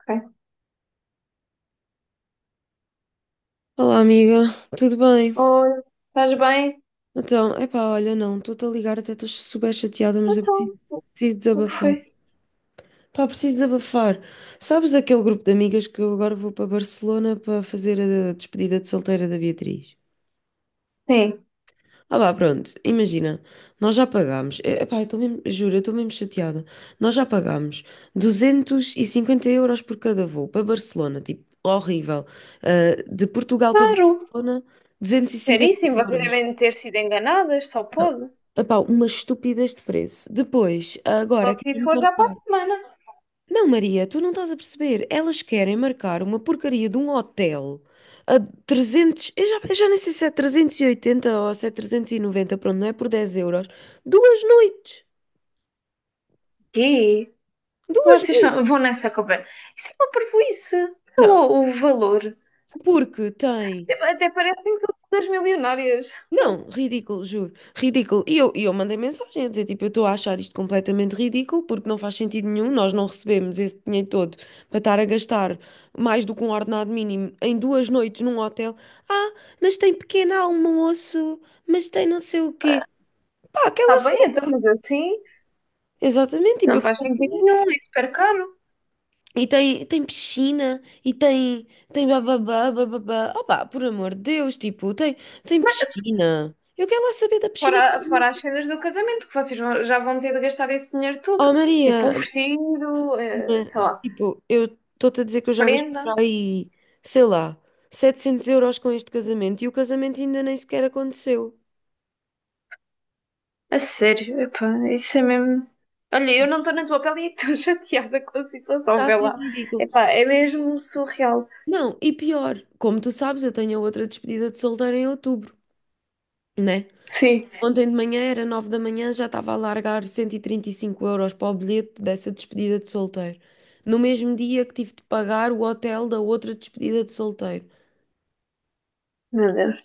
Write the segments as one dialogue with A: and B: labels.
A: Ok.
B: Olá, amiga, tudo bem?
A: Olha, estás bem?
B: Então, epá, olha, não, estou-te a ligar, até estou super chateada, mas eu preciso,
A: Então, o
B: preciso
A: que é que
B: desabafar.
A: foi?
B: Pá, preciso desabafar. Sabes aquele grupo de amigas que eu agora vou para Barcelona para fazer a despedida de solteira da Beatriz?
A: Sim,
B: Ah, vá, pronto, imagina, nós já pagámos, epá, eu estou mesmo, juro, eu estou mesmo chateada. Nós já pagámos 250 euros por cada voo para Barcelona, tipo, horrível. Ah, de Portugal para
A: claro.
B: Barcelona, 250
A: Caríssimo, vocês
B: euros.
A: devem ter sido enganadas, só pode.
B: Epá, umas estúpidas de preço. Depois,
A: Só
B: agora
A: se isso
B: querem
A: for já para a
B: marcar.
A: semana.
B: Não, Maria, tu não estás a perceber. Elas querem marcar uma porcaria de um hotel a 300. Eu já nem sei se é 380 ou se é 390. Pronto, não é por 10 euros. Duas noites.
A: Quê?
B: Duas
A: Vocês
B: noites.
A: vão nessa conversa. Isso é uma parvoíce. Olha
B: Não,
A: lá o valor.
B: porque tem.
A: Até parecem que são todas milionárias.
B: Não, ridículo, juro, ridículo. E eu mandei mensagem a dizer, tipo, eu estou a achar isto completamente ridículo porque não faz sentido nenhum, nós não recebemos esse dinheiro todo para estar a gastar mais do que um ordenado mínimo em duas noites num hotel. Ah, mas tem pequeno almoço, mas tem não sei o quê. Pá,
A: Está
B: aquela
A: bem,
B: cena.
A: então, mas assim
B: Exatamente, tipo,
A: não
B: eu
A: faz
B: quero
A: sentido
B: saber.
A: nenhum, é super caro.
B: E tem piscina, e tem, tem bababá, bababá. Opá, por amor de Deus, tipo, tem piscina. Eu quero lá saber da
A: Fora,
B: piscina para.
A: fora as cenas do casamento, que vocês já vão ter de gastar esse dinheiro todo.
B: Oh,
A: Tipo o
B: Maria,
A: vestido, sei
B: mas,
A: lá,
B: tipo, eu estou-te a dizer que eu já gastei
A: prenda.
B: para aí, sei lá, 700 euros com este casamento e o casamento ainda nem sequer aconteceu.
A: A sério, epá, isso é mesmo. Olha, eu não estou na tua pele e estou chateada com a situação,
B: Está a
A: vê
B: ser
A: lá.
B: ridículo.
A: Epá, é mesmo surreal.
B: Não, e pior, como tu sabes, eu tenho outra despedida de solteiro em outubro, né?
A: Sim,
B: Ontem de manhã era 9 da manhã, já estava a largar cento e trinta e cinco euros para o bilhete dessa despedida de solteiro. No mesmo dia que tive de pagar o hotel da outra despedida de solteiro.
A: meu Deus.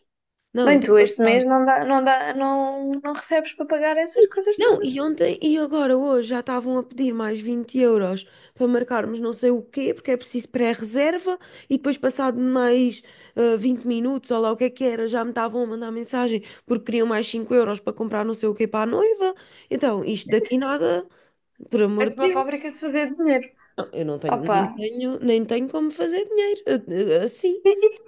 B: Não, eu
A: Bem,
B: estou
A: tu este mês
B: passada.
A: não dá, não dá, não recebes para pagar essas coisas
B: Não,
A: todas.
B: e ontem e agora hoje já estavam a pedir mais 20 euros para marcarmos não sei o quê, porque é preciso pré-reserva e depois passado mais 20 minutos ou lá o que é que era, já me estavam a mandar mensagem porque queriam mais 5 euros para comprar não sei o quê para a noiva. Então, isto daqui nada, por
A: É
B: amor de
A: uma
B: Deus.
A: fábrica de fazer dinheiro.
B: Não, eu não tenho,
A: Opa.
B: nem tenho como fazer dinheiro assim.
A: E, e-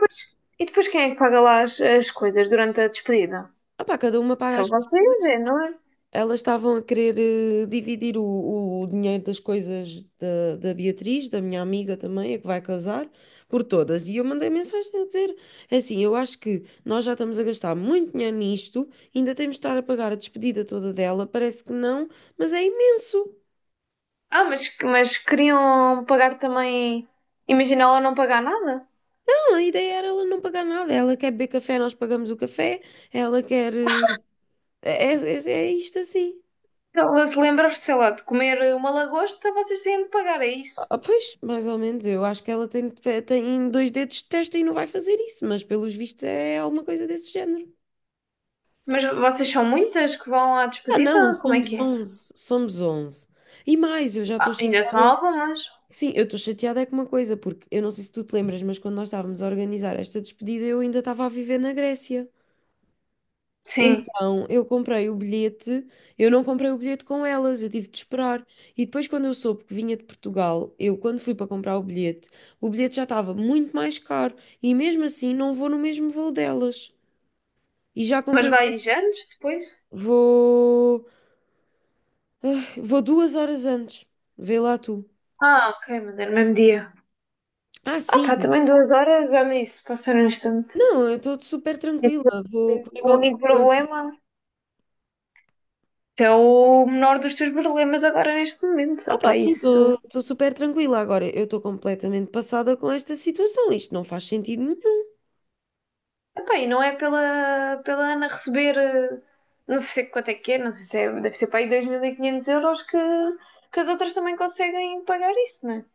A: e depois quem é que paga lá as coisas durante a despedida?
B: Ah pá, cada uma paga
A: São
B: as suas
A: vocês,
B: coisas.
A: é, não é?
B: Elas estavam a querer dividir o dinheiro das coisas da Beatriz, da minha amiga também, a que vai casar, por todas. E eu mandei mensagem a dizer: é assim, eu acho que nós já estamos a gastar muito dinheiro nisto, ainda temos de estar a pagar a despedida toda dela. Parece que não, mas é imenso.
A: Ah, mas queriam pagar também. Imagina ela não pagar nada?
B: Não, a ideia era ela não pagar nada. Ela quer beber café, nós pagamos o café. Ela quer. É isto assim.
A: Ela se lembrar, sei lá, de comer uma lagosta, vocês têm de pagar, é isso.
B: Ah, pois, mais ou menos, eu acho que ela tem dois dedos de testa e não vai fazer isso, mas pelos vistos é alguma coisa desse género.
A: Mas vocês são muitas que vão à
B: Ah, não,
A: despedida? Como é
B: somos
A: que é?
B: onze, somos onze. E mais, eu já estou
A: Ah, ainda são
B: chateada.
A: algumas.
B: Sim, eu estou chateada é com uma coisa, porque eu não sei se tu te lembras, mas quando nós estávamos a organizar esta despedida, eu ainda estava a viver na Grécia.
A: Sim.
B: Então, eu comprei o bilhete, eu não comprei o bilhete com elas, eu tive de esperar. E depois, quando eu soube que vinha de Portugal, eu, quando fui para comprar o bilhete já estava muito mais caro. E mesmo assim, não vou no mesmo voo delas. E já
A: Mas
B: comprei o
A: vai
B: bilhete,
A: anos depois?
B: vou, vou 2 horas antes. Vê lá tu.
A: Ah, ok, mas é no mesmo dia.
B: Ah,
A: Ah pá,
B: sim.
A: também 2 horas, olha isso, passar um instante.
B: Não, eu estou super tranquila,
A: Esse é
B: vou comer
A: o
B: qualquer
A: único
B: coisa.
A: problema. Esse é o menor dos teus problemas agora neste momento. Ah
B: Opa,
A: pá,
B: sim,
A: isso.
B: estou super tranquila agora. Eu estou completamente passada com esta situação. Isto não faz sentido nenhum.
A: Epá, e não é pela Ana receber, não sei quanto é que é, não sei se é, deve ser para aí 2.500 euros que as outras também conseguem pagar isso, não é?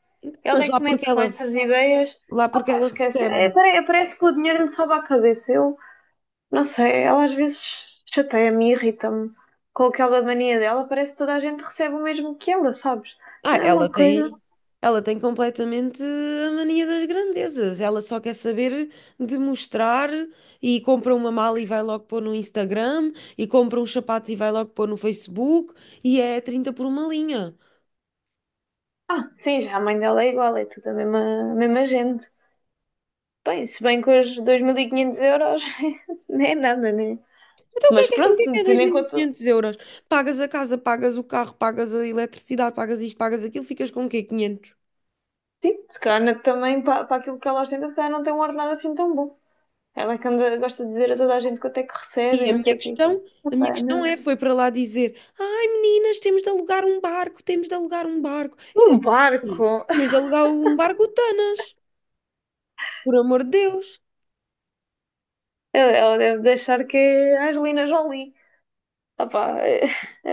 A: Ela
B: Mas
A: é
B: lá
A: que
B: porque
A: mete-se com
B: ela.
A: essas ideias.
B: Lá porque
A: Pá,
B: ela
A: esquece.
B: recebe.
A: É, parece que o dinheiro lhe sobe à cabeça. Eu não sei, ela às vezes chateia-me, irrita-me com aquela mania dela. Parece que toda a gente recebe o mesmo que ela, sabes? Não
B: Ah,
A: é
B: ela
A: uma coisa.
B: tem, ela tem completamente a mania das grandezas. Ela só quer saber de mostrar e compra uma mala e vai logo pôr no Instagram e compra uns sapatos e vai logo pôr no Facebook e é 30 por uma linha.
A: Ah, sim, já a mãe dela é igual, é tudo a mesma gente. Bem, se bem que hoje 2.500 euros não é nada, né?
B: Então o
A: Mas
B: que é, o que
A: pronto,
B: é
A: tendo em
B: 2.500
A: conta,
B: euros? Pagas a casa, pagas o carro, pagas a eletricidade, pagas isto, pagas aquilo, ficas com o quê? Quinhentos.
A: tipo, se calhar também para aquilo que ela ostenta, se calhar não tem um ordenado assim tão bom. Ela é que anda, gosta de dizer a toda a gente quanto é que recebe
B: E
A: e
B: a
A: não
B: minha
A: sei o quê.
B: questão, a minha
A: Epá,
B: questão
A: não.
B: é, foi para lá dizer, ai meninas, temos de alugar um barco, temos de alugar um barco. Eu
A: Um
B: disse, "Sim,
A: barco!
B: temos de alugar um barco Tanas, por amor de Deus."
A: Ela, deve deixar que é a Angelina Jolie. Opá,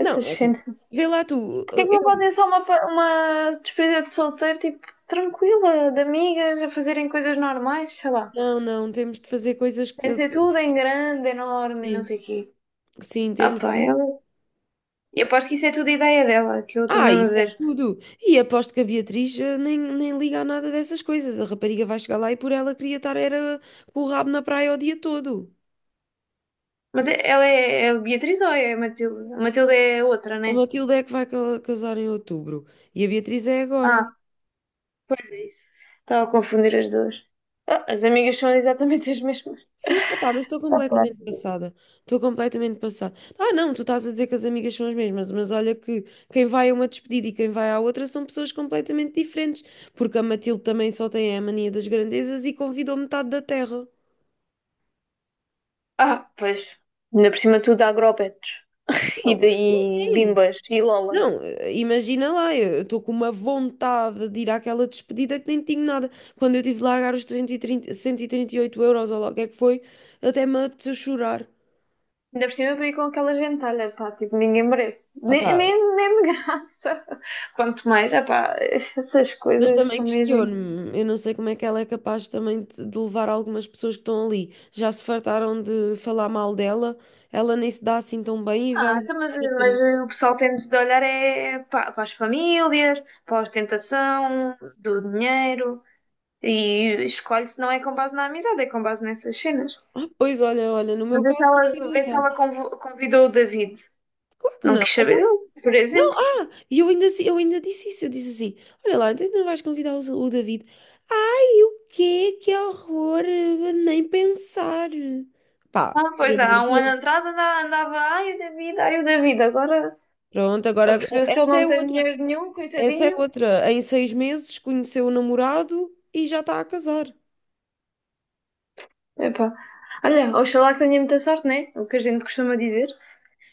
B: Não, é que,
A: cenas.
B: vê lá tu,
A: Porquê que não
B: eu,
A: podem só uma despedida de solteiro, tipo, tranquila, de amigas, a fazerem coisas normais, sei lá.
B: não, não, temos de fazer coisas que,
A: Tem de ser tudo em grande, enorme e não
B: sim,
A: sei o quê.
B: sim,
A: Ah
B: temos
A: pá,
B: de.
A: ela. Eu aposto que isso é tudo ideia dela, que eu estou
B: Ah,
A: mesmo a
B: isso é
A: ver.
B: tudo. E aposto que a Beatriz nem liga a nada dessas coisas. A rapariga vai chegar lá e por ela queria estar era com o rabo na praia o dia todo.
A: Mas ela é a Beatriz ou é a Matilde? A Matilde é a outra,
B: A
A: né?
B: Matilde é que vai casar em outubro e a Beatriz é agora.
A: Ah, pois é isso. Estava a confundir as duas. Ah, as amigas são exatamente as mesmas.
B: Sim, epá, mas estou
A: Ah, pá.
B: completamente passada. Estou completamente passada. Ah, não, tu estás a dizer que as amigas são as mesmas, mas olha que quem vai a uma despedida e quem vai à outra são pessoas completamente diferentes, porque a Matilde também só tem a mania das grandezas e convidou metade da terra.
A: Ah, pois. Ainda por cima tudo há grobetos. E,
B: Não, sim,
A: daí
B: sim.
A: bimbas e lolas.
B: Não, imagina lá, eu estou com uma vontade de ir àquela despedida que nem tinha nada. Quando eu tive de largar os 130, 138 euros ou lá o que é que foi, até me apeteceu chorar.
A: Ainda por cima veio com aquela gentalha, pá, tipo, ninguém merece. Nem,
B: Opá,
A: nem, nem de graça. Quanto mais, ah pá, essas
B: mas
A: coisas
B: também
A: são mesmo.
B: questiono-me, eu não sei como é que ela é capaz também de levar algumas pessoas que estão ali. Já se fartaram de falar mal dela, ela nem se dá assim tão bem e vai
A: Ah,
B: levar
A: então, mas,
B: a porcaria.
A: mas o pessoal tem de olhar é para as famílias, para a ostentação, do dinheiro, e escolhe-se não é com base na amizade, é com base nessas cenas.
B: Ah, pois olha, olha, no meu
A: Mas vê se
B: caso não
A: ela,
B: tem
A: vê se
B: azar.
A: ela convidou o David.
B: Claro que
A: Não
B: não.
A: quis
B: Então,
A: saber dele, por
B: não,
A: exemplo.
B: ah, e eu ainda disse isso, eu disse assim, olha lá, então ainda não vais convidar o David. Ai, o quê? Que horror, nem pensar. Pá,
A: Ah,
B: pelo
A: pois há
B: amor
A: um
B: de
A: ano
B: Deus.
A: atrás andava, ai o David, agora
B: Pronto, agora
A: apercebeu-se que ele
B: esta é
A: não tem
B: outra.
A: dinheiro nenhum,
B: Essa é
A: coitadinho.
B: outra. Em 6 meses conheceu o namorado e já está a casar.
A: Epá. Olha, oxalá que tenha muita sorte, né? É o que a gente costuma dizer.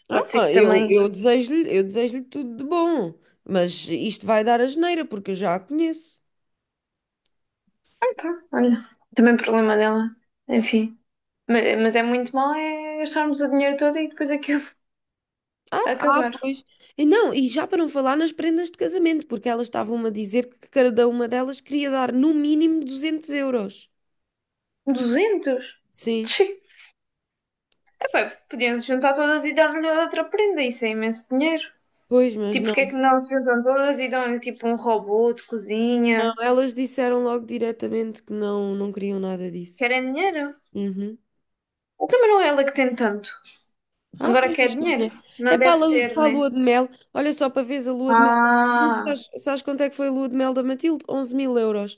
A: Pode ser que
B: Ah, eu,
A: também.
B: eu desejo-lhe, eu desejo-lhe tudo de bom, mas isto vai dar a asneira porque eu já a conheço.
A: Pá, olha, também problema dela. Enfim, mas, é muito mal é gastarmos o dinheiro todo e depois aquilo
B: Ah, ah,
A: acabar.
B: pois. E não, e já para não falar nas prendas de casamento, porque elas estavam-me a dizer que cada uma delas queria dar no mínimo 200 euros.
A: 200.
B: Sim,
A: Sim. Epá, podiam se juntar todas e dar-lhe outra prenda, isso é imenso dinheiro.
B: pois, mas
A: Tipo, porque é
B: não.
A: que não se juntam todas e dão-lhe tipo um robô de
B: Não,
A: cozinha?
B: elas disseram logo diretamente que não, não queriam nada disso.
A: Querem dinheiro?
B: Uhum.
A: Também não é ela que tem tanto.
B: Ah,
A: Agora
B: pois,
A: quer
B: mas
A: dinheiro.
B: ganha. É
A: Não
B: para a
A: deve
B: lua,
A: ter,
B: para a
A: né?
B: lua de mel. Olha só para veres a lua de mel da Matilde.
A: Ah,
B: Sabes, sabes quanto é que foi a lua de mel da Matilde? 11 000 euros.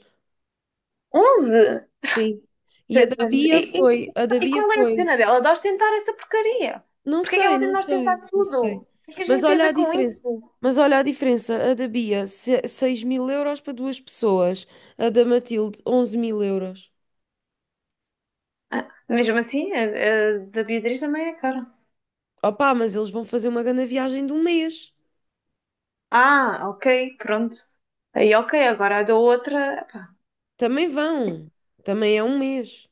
A: 11?
B: Sim. E a da
A: Exatamente. E,
B: Bia
A: e,
B: foi. A da
A: e
B: Bia
A: qual é a
B: foi.
A: cena dela? De ostentar essa porcaria?
B: Não
A: Porquê é que
B: sei,
A: ela tem
B: não
A: de ostentar
B: sei, não
A: tudo?
B: sei.
A: O que é que a
B: Mas
A: gente tem a
B: olha a
A: ver com
B: diferença.
A: isso?
B: Mas olha a diferença. A da Bia, seis mil euros para duas pessoas. A da Matilde, 11 000 euros.
A: Ah, mesmo assim, a da Beatriz também é cara.
B: Opa, mas eles vão fazer uma grande viagem de um mês.
A: Ah, ok, pronto. Aí, ok, agora a da outra.
B: Também vão. Também é um mês.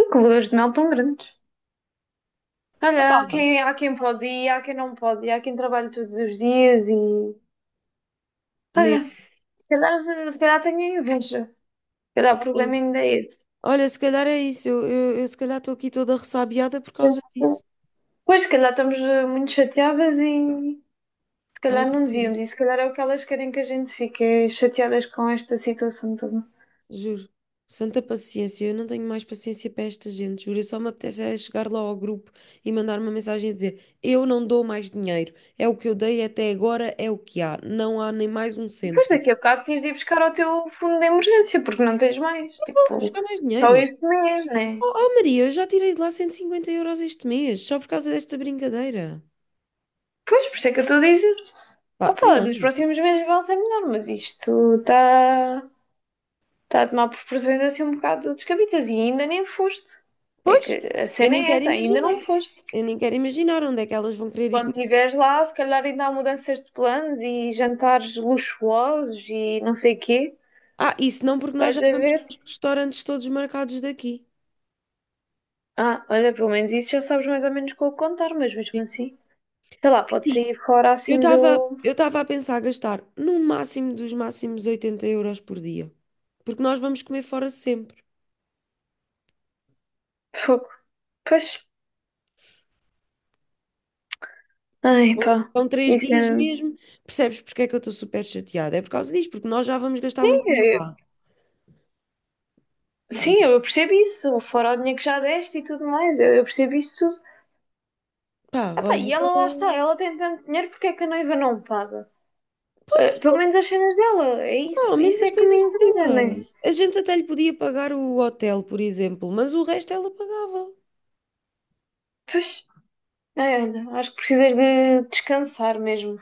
A: E que luas de mel tão grandes. Olha, há quem pode ir, há quem não pode ir, há quem trabalha todos os dias e.
B: Um mês.
A: Olha, se calhar tenho inveja. Se calhar o problema
B: Olha.
A: ainda é esse.
B: Olha, se calhar é isso. Eu se calhar estou aqui toda ressabiada por causa disso.
A: Pois, se calhar estamos muito chateadas e. Se
B: Ai,
A: calhar não
B: sério,
A: devíamos, e se calhar é o que elas querem que a gente fique é chateadas com esta situação toda.
B: juro. Santa paciência, eu não tenho mais paciência para esta gente, juro. Eu só me apetece é chegar lá ao grupo e mandar uma mensagem a dizer: Eu não dou mais dinheiro. É o que eu dei até agora, é o que há. Não há nem mais um
A: Depois
B: cêntimo.
A: daqui a bocado tens de ir buscar ao teu fundo de emergência, porque não tens mais.
B: Vou lá
A: Tipo,
B: buscar mais
A: só
B: dinheiro.
A: este mês, né?
B: Oh, oh, Maria, eu já tirei de lá 150 euros este mês, só por causa desta brincadeira.
A: Pois, por isso é que eu estou a dizer.
B: Pá,
A: Opa, nos
B: não.
A: próximos meses vão ser melhor, mas isto está tá a tomar proporções assim um bocado descabidas e ainda nem foste. É
B: Pois,
A: que a
B: eu
A: cena
B: nem
A: é
B: quero
A: essa, ainda
B: imaginar.
A: não foste.
B: Eu nem quero imaginar onde é que elas vão querer ir.
A: Quando estiveres lá, se calhar ainda há mudanças de planos e jantares luxuosos e não sei o quê.
B: Ah, isso não, porque nós já
A: Vais a
B: vamos
A: ver.
B: aos restaurantes todos marcados daqui.
A: Ah, olha, pelo menos isso já sabes mais ou menos como contar, mas mesmo
B: Sim.
A: assim, sei lá, pode
B: Sim.
A: sair fora
B: Eu
A: assim
B: estava
A: do
B: eu estava a pensar gastar no máximo dos máximos 80 euros por dia. Porque nós vamos comer fora sempre.
A: fogo. Pois, ai pá,
B: São três
A: isso é
B: dias
A: mesmo.
B: mesmo. Percebes porque é que eu estou super chateada? É por causa disso, porque nós já vamos gastar muito dinheiro
A: É,
B: lá.
A: sim, eu percebo isso, fora o dinheiro que já deste e tudo mais, eu percebo isso tudo.
B: Pá,
A: Ah pá, e
B: olha,
A: ela lá está,
B: tô.
A: ela tem tanto dinheiro, porque é que a noiva não paga? Ah, pelo menos as cenas dela, é
B: Ah, ao
A: isso,
B: menos
A: isso
B: as
A: é que me
B: coisas
A: intriga, não
B: dela.
A: é?
B: A gente até lhe podia pagar o hotel, por exemplo, mas o resto ela pagava.
A: Pois, ai, olha, acho que precisas de descansar mesmo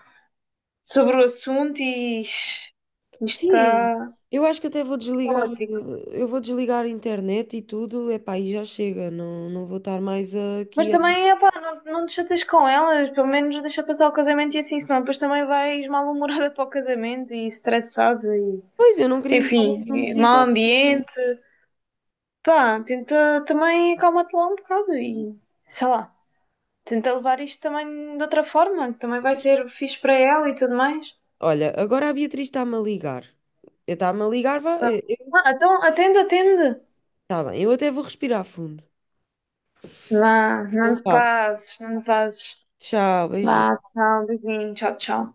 A: sobre o assunto e isto
B: Sim,
A: está
B: eu acho que até vou desligar,
A: ótimo.
B: eu vou desligar a internet e tudo, epá, e já chega, não, não vou estar mais
A: Mas
B: aqui a.
A: também, epá, não te chateias com elas, pelo menos deixa passar o casamento e assim, senão depois também vais mal-humorada para o casamento e estressada e,
B: Pois, eu não queria me estar,
A: enfim,
B: não me
A: e
B: queria
A: mau
B: estar.
A: ambiente. Pá, tenta também acalmar te lá um bocado e, sei lá, tenta levar isto também de outra forma, que também vai ser fixe para ela e tudo mais.
B: Olha, agora a Beatriz está-me a ligar. Está-me a ligar, vá,
A: Vá.
B: eu.
A: Ah, então, atende, atende.
B: Tá bem, eu até vou respirar fundo.
A: Vá,
B: Então
A: não te
B: vá,
A: passes, não te passes.
B: tchau, beijinho.
A: Vá, tchau, beijinho, tchau, tchau.